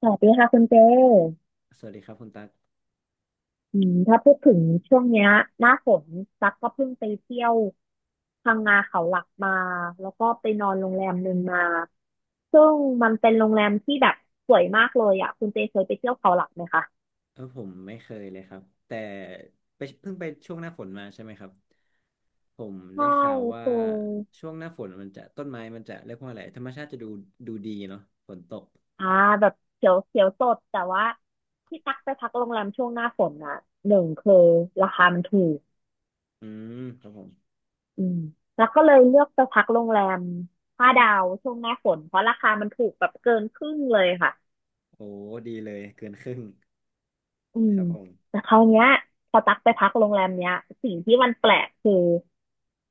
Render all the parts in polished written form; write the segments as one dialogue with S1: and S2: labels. S1: สวัสดีค่ะคุณเจ
S2: สวัสดีครับคุณตั๊ก
S1: ถ้าพูดถึงช่วงเนี้ยหน้าฝนตั๊กก็เพิ่งไปเที่ยวพังงาเขาหลักมาแล้วก็ไปนอนโรงแรมหนึ่งมาซึ่งมันเป็นโรงแรมที่แบบสวยมากเลยอ่ะคุณเจเคยไปเที่ยวเขาหลักไหมคะ
S2: ผมไม่เคยเลยครับ แต่ไปเพิ่งไปช่วงหน้าฝนมาใช่ไหมครับ ผม
S1: ใช่
S2: ได้ข่าว
S1: เ
S2: ว่า
S1: ค
S2: ช่วงหน้าฝนมันจะต้นไม้มันจะเรียกว่าอะไรธรรมชาติจะดูดีเนาะฝนตก
S1: ออ่าแบบเขียวเขียวสดแต่ว่าที่ตั๊กไปพักโรงแรมช่วงหน้าฝนนะหนึ่งคือราคามันถูก
S2: อืมครับผม
S1: อืมแล้วก็เลยเลือกจะพักโรงแรมห้าดาวช่วงหน้าฝนเพราะราคามันถูกแบบเกินครึ่งเลยค่ะ
S2: โอ้ดีเลยเกินครึ่ง
S1: อื
S2: ค
S1: ม
S2: รับผม
S1: แต่คราวเนี้ยพอตักไปพักโรงแรมเนี้ยสิ่งที่มันแปลกคือ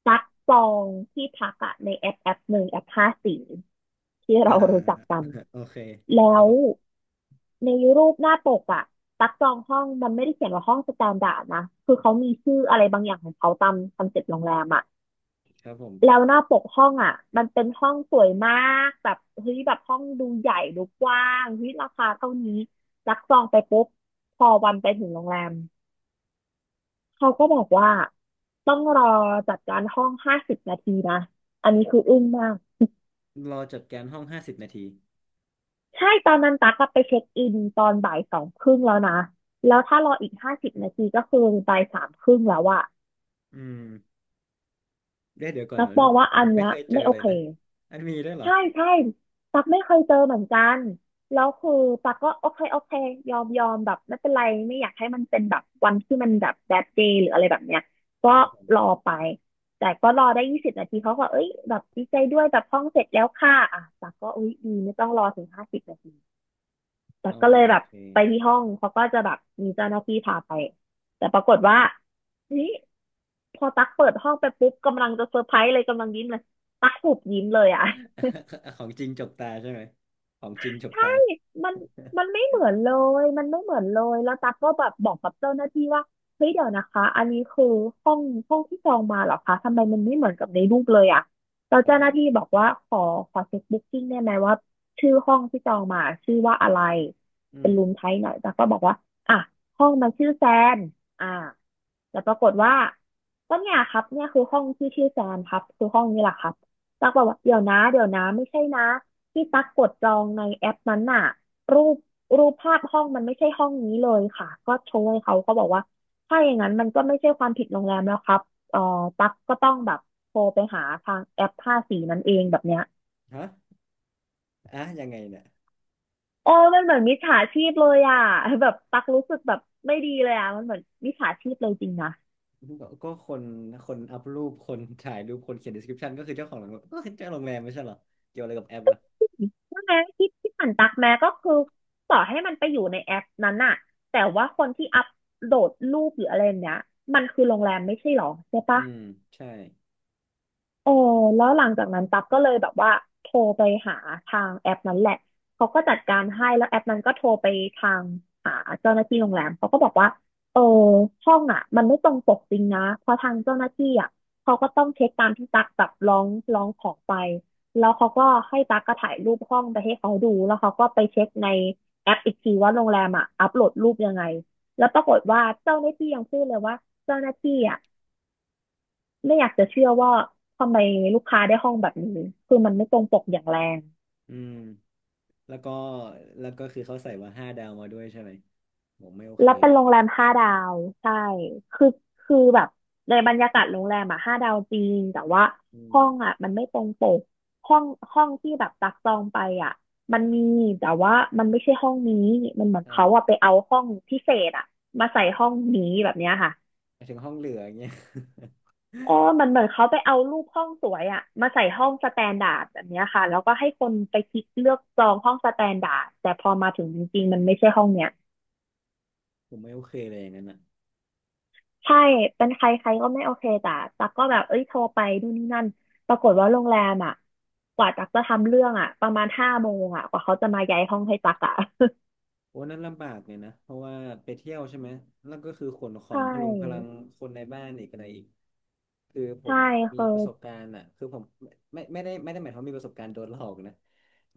S1: ตักจองที่พักอะในแอปหนึ่งแอปห้าสีที่
S2: อ่า
S1: เรารู้จักกัน
S2: โอเคค
S1: แล้
S2: รับ
S1: ว
S2: ผม
S1: ในรูปหน้าปกอะตักจองห้องมันไม่ได้เขียนว่าห้องสแตนดาร์ดนะคือเขามีชื่ออะไรบางอย่างของเขาตามคอนเซ็ปต์โรงแรมอะ
S2: ครับผม
S1: แล้วหน้าปกห้องอ่ะมันเป็นห้องสวยมากแบบเฮ้ยแบบห้องดูใหญ่ดูกว้างเฮ้ยราคาเท่านี้รักจองไปปุ๊บพอวันไปถึงโรงแรมเขาก็บอกว่าต้องรอจัดการห้องห้าสิบนาทีนะอันนี้คืออึ้งมาก
S2: รอจัดการห้อง50 นาที
S1: ใช่ตอนนั้นตั๊กอะไปเช็คอินตอนบ่ายสองครึ่งแล้วนะแล้วถ้ารออีกห้าสิบนาทีก็คือบ่ายสามครึ่งแล้วอะ
S2: อืมเดี๋ยวก่อน
S1: ตั๊ก
S2: มัน
S1: มองว่า
S2: ผ
S1: อัน
S2: มไม่
S1: เนี้ย
S2: เคยเจอ
S1: ไม่โอ
S2: เลย
S1: เค
S2: นะอันมีด้วยเหรอ
S1: ใช่ใช่ตักไม่เคยเจอเหมือนกันแล้วคือตักก็โอเคโอเคยอมยอมแบบไม่เป็นไรไม่อยากให้มันเป็นแบบวันที่มันแบบ bad day หรืออะไรแบบเนี้ยก็
S2: ครับผม
S1: รอไปแต่ก็รอได้20 นาทีเขาก็เอ้ยแบบดีใจด้วยแบบห้องเสร็จแล้วค่ะอ่ะตักก็อุ้ยดีไม่ต้องรอถึงห้าสิบนาทีแตั
S2: อ๋
S1: ก
S2: อ
S1: ก็เลย
S2: โอ
S1: แบบ
S2: เค
S1: ไปที่ห้องเขาก็จะแบบมีเจ้าหน้าที่พาไปแต่ปรากฏว่าเฮ้ยพอตักเปิดห้องไปปุ๊บกำลังจะเซอร์ไพรส์เลยกำลังยิ้มเลยตักหุบยิ้มเลยอ่ะ
S2: ของจริงจกตาใช่ไหม ของจริงจก
S1: ใช่
S2: ตา
S1: มันมันไม่เหมือนเลย มันไม่เหมือนเลย แล้วตั๊กก็แบบบอกกับเจ้าหน้าที่ว่าเฮ้ยเดี๋ยวนะคะอันนี้คือห้องห้องที่จองมาเหรอคะทำไมมันไม่เหมือนกับในรูปเลยอะแล้ว
S2: ครับ
S1: เจ้า
S2: ผ
S1: หน้า
S2: ม
S1: ที่บอกว่าขอเช็คบุ๊กกิ้งได้ไหมว่าชื่อห้องที่จองมาชื่อว่าอะไร
S2: อื
S1: เป็น
S2: ม
S1: รูมไทป์ไหน่อยตั๊กก็บอกว่าอ่ะห้องมันชื่อแซนอ่าแล้วปรากฏว่าก็เนี่ยครับเนี่ยคือห้องที่ชื่อแซนครับคือห้องนี้แหละครับตักบอกว่าเดี๋ยวนะเดี๋ยวนะไม่ใช่นะ ที่ตักกดจองในแอปนั้นน่ะรูปรูปภาพห้องมันไม่ใช่ห้องนี้เลยค่ะก็โชว์ให้เขาเขาบอกว่าถ้าอย่างนั้นมันก็ไม่ใช่ความผิดโรงแรมแล้วครับเอ่อตักก็ต้องแบบโทรไปหาทางแอปภาสีนั้นเองแบบเนี้ย
S2: ฮะอ่ะยังไงเนี่ย
S1: โอ้มันเหมือนมิจฉาชีพเลยอ่ะแบบตักรู้สึกแบบไม่ดีเลยอ่ะมันเหมือนมิจฉาชีพเลยจริงนะ
S2: ก็คนคนอัพรูปคนถ่ายรูปคนเขียน description ก็คือเจ้าของโรงแรมก็คือเจ้าโรงแรมไม่ใช่เหรอเกี่ยวอะไรกับแอปอ่ะ
S1: ใช่ไหมที่ที่ผ่านตักแม้ก็คือต่อให้มันไปอยู่ในแอปนั้นน่ะแต่ว่าคนที่อัปโหลดรูปหรืออะไรเนี้ยมันคือโรงแรมไม่ใช่หรอใช่
S2: อื
S1: ปะ
S2: มใช่
S1: เออแล้วหลังจากนั้นตั๊กก็เลยแบบว่าโทรไปหาทางแอปนั้นแหละเขาก็จัดการให้แล้วแอปนั้นก็โทรไปทางหาเจ้าหน้าที่โรงแรมเขาก็บอกว่าเออห้องอ่ะมันไม่ตรงปกจริงนะเพราะทางเจ้าหน้าที่อ่ะเขาก็ต้องเช็คตามที่ตั๊กแบบร้องขอไปแล้วเขาก็ให้ตั๊กก็ถ่ายรูปห้องไปให้เขาดูแล้วเขาก็ไปเช็คในแอปอีกทีว่าโรงแรมอ่ะอัปโหลดรูปยังไงแล้วปรากฏว่าเจ้าหน้าที่ยังพูดเลยว่าเจ้าหน้าที่อ่ะ ไม่อยากจะเชื่อว่าทำไมลูกค้าได้ห้องแบบนี้คือมันไม่ตรงปกอย่างแรง
S2: อืมแล้วก็แล้วก็คือเขาใส่ว่าห้าดาวมาด้วยใช่ไหมผมไม่โอเค
S1: แล้วเป็น
S2: เลย
S1: โรงแรม5 ดาวใช่คือคือแบบในบรรยากาศโรงแรมอะห้าดาวจริงแต่ว่า
S2: อืม
S1: ห้องอะมันไม่ตรงปกห้องห้องที่แบบตักจองไปอะมันมีแต่ว่ามันไม่ใช่ห้องนี้มันเหมือนเขาอะไป
S2: อ่า
S1: เอาห้องพิเศษอะมาใส่ห้องนี้แบบเนี้ยค่ะ
S2: หมายถึงห้องเหลืออย่างเงี้ย
S1: อ๋อมันเหมือนเขาไปเอารูปห้องสวยอะมาใส่ห้องสแตนดาร์ดแบบเนี้ยค่ะ แล้วก็ให้คนไปคลิกเลือกจองห้องสแตนดาร์ดแต่พอมาถึงจริงๆมันไม่ใช่ห้องเนี้ย
S2: ผมไม่โอเคเลยอย่างนั้นอ่ะ
S1: ใช่ เป็นใครใครก็ไม่โอเคแต่ตักก็แบบเอ้ยโทรไปนู่นนี่นั่นปรากฏว่าโรงแรมอะกว่าตักจะทำเรื่องอะประมาณห้าโมงอะกว่าเขาจะมาย้ายห้องให้ตักอะ
S2: โอ้นั่นลำบากเนี่ยนะเพราะว่าไปเที่ยวใช่ไหมแล้วก็คือขนข อง
S1: ใช่
S2: พลุงพลังคนในบ้านอีกอะไรอีกคือผ
S1: ใช่
S2: มมี
S1: คือ
S2: ประสบการณ์อ่ะคือผมไม่ได้หมายความว่ามีประสบการณ์โดนหลอกนะ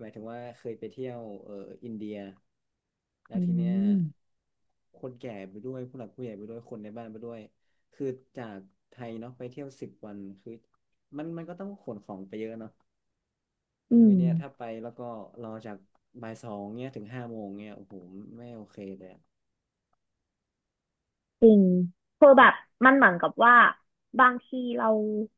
S2: หมายถึงว่าเคยไปเที่ยวอินเดียแล้ว
S1: อื
S2: ทีเนี้ย
S1: ม
S2: คนแก่ไปด้วยผู้หลักผู้ใหญ่ไปด้วยคนในบ้านไปด้วยคือจากไทยเนาะไปเที่ยว10 วันคือมันก็ต้องขนของไปเยอะเนาะ
S1: อื
S2: แล้วที
S1: ม
S2: เนี้ยถ้าไปแล้วก็รอจากบ่ายสองเนี้ยถึงห้าโมงเนี้ยโอ้โหไม่โอเคเลยอะ
S1: จริงคือแบบมันเหมือนกับว่าบางทีเรา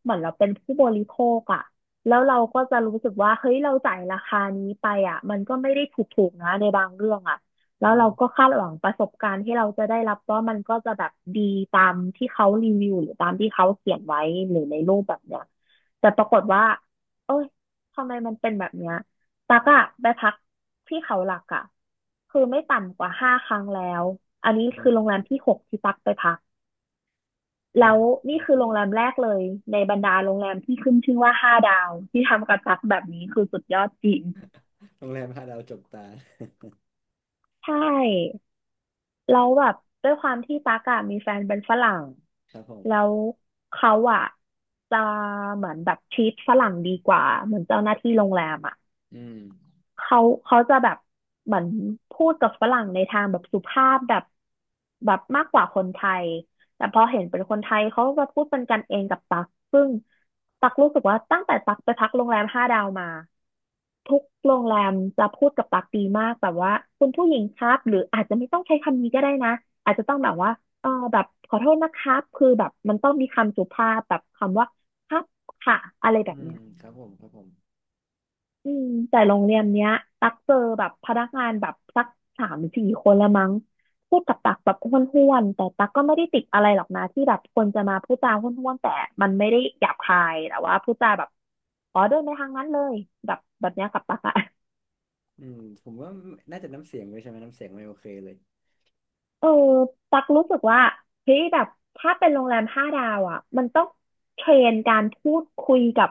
S1: เหมือนเราเป็นผู้บริโภคอะแล้วเราก็จะรู้สึกว่าเฮ้ยเราจ่ายราคานี้ไปอะมันก็ไม่ได้ถูกๆนะในบางเรื่องอะแล้
S2: อื
S1: วเรา
S2: ม
S1: ก็คาดหวังประสบการณ์ที่เราจะได้รับว่ามันก็จะแบบดีตามที่เขารีวิวหรือตามที่เขาเขียนไว้หรือในรูปแบบเนี้ยแต่ปรากฏว่าเอ้ยทำไมมันเป็นแบบเนี้ยตักอะไปพัก ที่เขาหลักอ่ะคือไม่ต่ำกว่าห้าครั้งแล้วอันนี้
S2: อื
S1: คื
S2: ม
S1: อโรงแรมที่หกที่ตักไปพัก
S2: อื
S1: แล้
S2: ม
S1: ว
S2: ไม่
S1: นี่
S2: โอ
S1: คื
S2: เค
S1: อโรงแรมแรกเลยในบรรดาโรงแรมที่ขึ้นชื่อว่าห้าดาวที่ทำกับตักแบบนี้คือสุดยอดจริง
S2: โรงแรมห้าดาวจบตา
S1: ใช่แล้วแบบด้วยความที่ตั๊กอะมีแฟนเป็นฝรั่ง
S2: ครับผ
S1: แล้
S2: ม
S1: วเขาอะจะเหมือนแบบทรีตฝรั่งดีกว่าเหมือนเจ้าหน้าที่โรงแรมอะ
S2: อืม
S1: เขาเขาจะแบบเหมือนพูดกับฝรั่งในทางแบบสุภาพแบบแบบมากกว่าคนไทยแต่พอเห็นเป็นคนไทยเขาก็พูดเป็นกันเองกับตักซึ่งตักรู้สึกว่าตั้งแต่ตักไปพักโรงแรมห้าดาวมาทุกโรงแรมจะพูดกับตักดีมากแบบว่าคุณผู้หญิงครับหรืออาจจะไม่ต้องใช้คำนี้ก็ได้นะอาจจะต้องแบบว่าแบบขอโทษนะครับคือแบบมันต้องมีคำสุภาพแบบคำว่าครับค่ะอะไรแบ
S2: อื
S1: บเนี้
S2: ม
S1: ย
S2: ครับผมครับผม
S1: อืมแต่โรงเรียนเนี้ยตักเจอแบบพนักงานแบบสักสามสี่คนละมั้งพูดกับตักแบบห้วนๆแต่ตักก็ไม่ได้ติดอะไรหรอกนะที่แบบคนจะมาพูดจาห้วนๆแต่มันไม่ได้หยาบคายแต่ว่าพูดจาแบบอ๋อเดินไปทางนั้นเลยแบบเนี้ยกับตักอะ
S2: อืมผมว่าน่าจะน้ำเสียงด้วยใช่ไหมน้ำเสียงไม่โอเคเลย
S1: เออตักรู้สึกว่าเฮ้ยแบบถ้าเป็นโรงแรมห้าดาวอ่ะมันต้องเทรนการพูดคุยกับ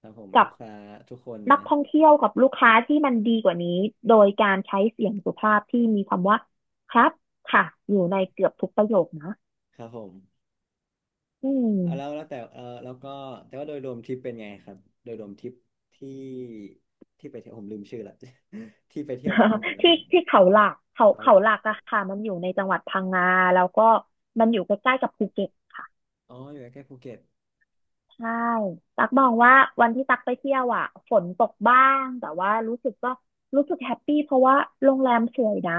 S2: ครับผม
S1: กั
S2: ลู
S1: บ
S2: กค้าทุกคน
S1: นัก
S2: นะ
S1: ท่องเที่ยวกับลูกค้าที่มันดีกว่านี้โดยการใช้เสียงสุภาพที่มีคำว่าครับค่ะอยู่ในเกือบทุกประโยคนะ
S2: ครับผม
S1: อืม
S2: เอาแล้วแต่เออแล้วก็แต่ว่าโดยรวมทริปเป็นไงครับโดยรวมทริปที่ที่ไปเที่ยวผมลืมชื่อละ ที่ไปเที่ยวมาทั้งหมด นะค
S1: ที่
S2: รับ
S1: ที่เขาหลักเขา
S2: เขาห
S1: เขา
S2: ลัก
S1: ห
S2: ค
S1: ลั
S2: รับ
S1: ก
S2: ผ
S1: อะ
S2: ม
S1: ค่ะมันอยู่ในจังหวัดพังงาแล้วก็มันอยู่ใกล้ๆกับภูเก็ต
S2: อ๋ออยู่ใกล้ๆภูเก็ต
S1: ใช่ ตักมองว่าวันที่ตักไปเที่ยวอ่ะ ฝนตกบ้าง แต่ว่ารู้สึกก็รู้สึกแฮปปี้เพราะว่าโรงแรมสวยนะ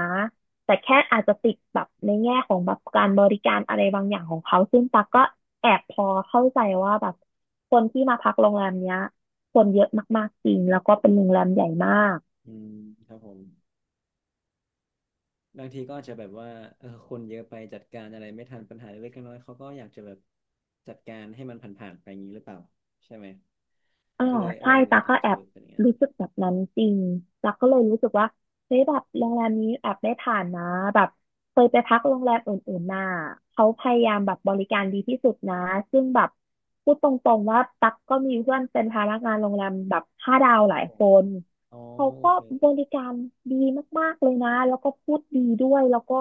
S1: แต่แค่อาจจะติดแบบในแง่ของแบบการบริการอะไรบางอย่างของเขาซึ่งตักก็แอบพอเข้าใจว่าแบบคนที่มาพักโรงแรมเนี้ยคนเยอะมากๆจริงแล้วก็เป็นโรงแรมใหญ่มาก
S2: อืมครับผมบางทีก็อาจจะแบบว่าเออคนเยอะไปจัดการอะไรไม่ทันปัญหาเล็กๆน้อยๆเขาก็อยากจะแบบจัดการให้มันผ่านๆไปอย่างนี้หรือเปล่าใช่ไหม
S1: อ๋อ
S2: ก็เลยเอ
S1: ใช่
S2: อ
S1: ตา
S2: อา
S1: ก็
S2: จ
S1: แอ
S2: จะแบ
S1: บ
S2: บเป็นอย่างนั้น
S1: รู้สึกแบบนั้นจริงตาก็เลยรู้สึกว่าเฮ้ยแบบโรงแรมนี้แอบได้ผ่านนะแบบเคยไปพักโรงแรมอื่นๆมาเขาพยายามแบบบริการดีที่สุดนะซึ่งแบบพูดตรงๆว่าตักก็มีเพื่อนเป็นพนักงานโรงแรมแบบห้าดาว
S2: ค
S1: ห
S2: รั
S1: ลา
S2: บ
S1: ย
S2: ผ
S1: ค
S2: ม
S1: น
S2: อ๋อ
S1: เขา
S2: โอ
S1: ก็
S2: เค
S1: บริการดีมากๆเลยนะแล้วก็พูดดีด้วยแล้วก็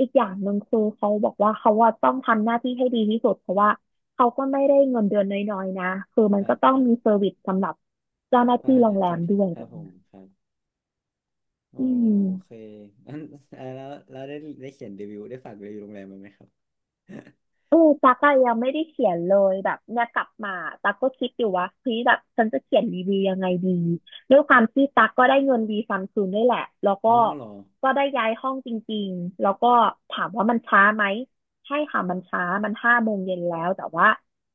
S1: อีกอย่างหนึ่งคือเขาบอกว่าเขาว่าต้องทำหน้าที่ให้ดีที่สุดเพราะว่า เขาก็ไม่ได้เงินเดือนน้อยๆนะ คือมั
S2: ค
S1: น
S2: รั
S1: ก็
S2: บ
S1: ต้อ
S2: ค
S1: ง
S2: รั
S1: มีเซอ
S2: บ
S1: ร์วิสสำหรับเจ้าหน้า
S2: พ
S1: ที่
S2: นัก
S1: โรง
S2: งาน
S1: แร
S2: เจ้า
S1: มด้
S2: ที่
S1: วย
S2: ค
S1: แบ
S2: รับ
S1: บ
S2: ผม
S1: เนี้ย
S2: ครับอ๋อ
S1: อื
S2: โอเค
S1: ม
S2: งั้นเอ่อแล้วได้เขียนรีวิวได้ฝากรีวิวโรงแรมไว้ไหมครับ
S1: เออตั๊กอะยังไม่ได้เขียนเลยแบบเนี่ยกลับมาตั๊กก็คิดอยู่ว่าเฮ้ยแบบฉันจะเขียนรีวิวยังไงดีด้วยความที่ตั๊กก็ได้เงินดีซัมซุงด้วยแหละแล้ว
S2: อ๋
S1: ก็
S2: อเหรอ
S1: ก็ได้ย้ายห้องจริงๆแล้วก็ถามว่ามันช้าไหมใช่ค่ะมันช้ามันห้าโมงเย็นแล้วแต่ว่า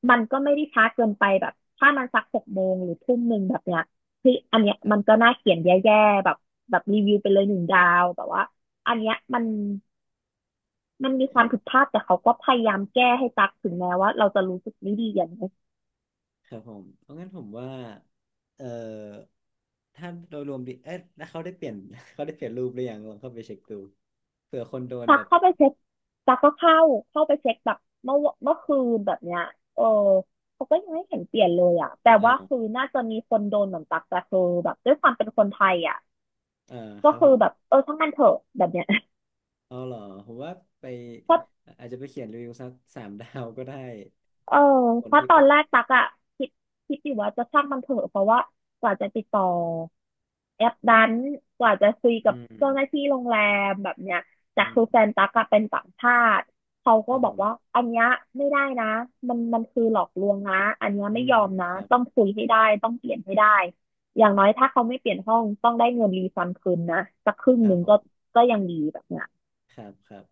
S1: มันก็ไม่ได้ช้าเกินไปแบบถ้ามันสักหกโมงหรือทุ่มหนึ่งแบบเนี้ยคืออันเนี้ย
S2: ครั
S1: มันก็
S2: บ
S1: น่าเขียนแย่ๆแบบแบบรีวิวไปเลยหนึ่งดาวแต่ว่าอันเนี้ยมัน มันมี
S2: ค
S1: ความ
S2: รั
S1: ผิด
S2: บ
S1: พลาดแต่เขาก็พยายามแก้ให้ตักถึงแม้ว่าเราจะรู้สึกไม่ดีอย่างนี้
S2: ครับผมเพราะงั้นผมว่าเอ่อถ้าโดยรวมดีเอ๊ะแล้วเขาได้เปลี่ยน เขาได้เปลี่ยนรูปหรือยังลองเข้าไปเช็คดูเผื่อคนโดน
S1: ตั
S2: แบ
S1: ก
S2: บ
S1: เข้าไปเช็คตักก็เข้าไปเช็คแบบเมื่อเมื่อคืนแบบเนี้ยเออเขาก็ยังไม่เห็นเปลี่ยนเลยอ่ะแต่
S2: อ้า
S1: ว่า
S2: ว
S1: คือน่าจะมีคนโดนเหมือนตักแต่คือแบบด้วยความเป็นคนไทยอ่ะ
S2: เอาค
S1: ก็
S2: รับ
S1: คื
S2: ผ
S1: อ
S2: ม
S1: แบบเออช่างมันเถอะแบบเนี้ย
S2: เอาเหรอผมว่าไป
S1: พอ
S2: อาจจะไปเขียนรีวิวสักสาม ดาวก็ได้
S1: เออ
S2: ค
S1: เพ
S2: น
S1: ราะ
S2: ที่
S1: ต
S2: ไป
S1: อนแร
S2: ต่อ
S1: กตักอะคิดคิดอยู่ว่าจะช่างมันเถอะเพราะว่ากว่าจะติดต่อแอปนั้นกว่าจะคุย
S2: อื
S1: กับ
S2: ม
S1: เจ้าหน้าที่โรงแรมแบบเนี้ยแต่
S2: อื
S1: คือแฟ
S2: ม
S1: นตักอะเป็นต่างชาติเขา
S2: ค
S1: ก็
S2: รับ
S1: บ
S2: ผ
S1: อกว่า
S2: ม
S1: อันเนี้ยไม่ได้นะมันคือหลอกลวงนะอันเนี้ย
S2: อื
S1: ไม่
S2: ม
S1: ยอมนะ
S2: ครั
S1: ต้อง
S2: บ
S1: คุยให้ได้ต้องเปลี่ยนให้ได้อย่างน้อยถ้าเขาไม่เปลี่ยนห้องต้องได้เงินรีฟันคืนนะสักครึ่ง
S2: ค
S1: ห
S2: รับ
S1: นึ่ง
S2: ผ
S1: ก็
S2: ม
S1: ก็ยังดีแบบเนี้ย
S2: ครับครับ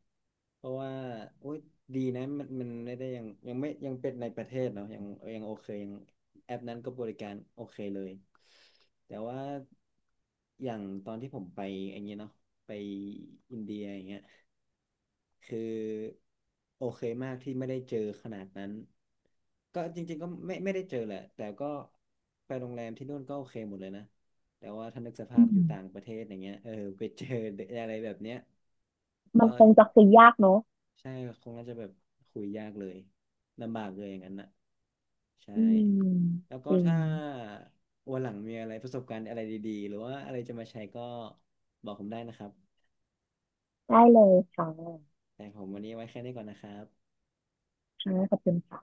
S2: เพราะว่าโอ๊ยดีนะมันมันไม่ได้ยังยังไม่ยังเป็นในประเทศเนาะยังโอเคยังแอปนั้นก็บริการโอเคเลยแต่ว่าอย่างตอนที่ผมไปอย่างเงี้ยเนาะไปอินเดียอย่างเงี้ยคือโอเคมากที่ไม่ได้เจอขนาดนั้นก็จริงๆก็ไม่ได้เจอแหละแต่ก็ไปโรงแรมที่นู่นก็โอเคหมดเลยนะแต่ว่าถ้านึกส
S1: อื
S2: ภาพอยู่ต่าง
S1: ม
S2: ประเทศอย่างเงี้ยเออไปเจออะไรแบบเนี้ย
S1: มัน
S2: ก็
S1: คงจะคุยยากเนอะ
S2: ใช่ คงน่าจะแบบคุยยากเลยลำบากเลยอย่างนั้นน่ะใช่
S1: อืม
S2: แล้วก็
S1: จริง
S2: ถ้าวันหลังมีอะไรประสบการณ์อะไรดีๆ หรือว่าอะไรจะมาแชร์ก็บอกผมได้นะครับ
S1: ได้เลยค่ะ
S2: แต่ผมวันนี้ไว้แค่นี้ก่อนนะครับ
S1: ค่ะขอบคุณค่ะ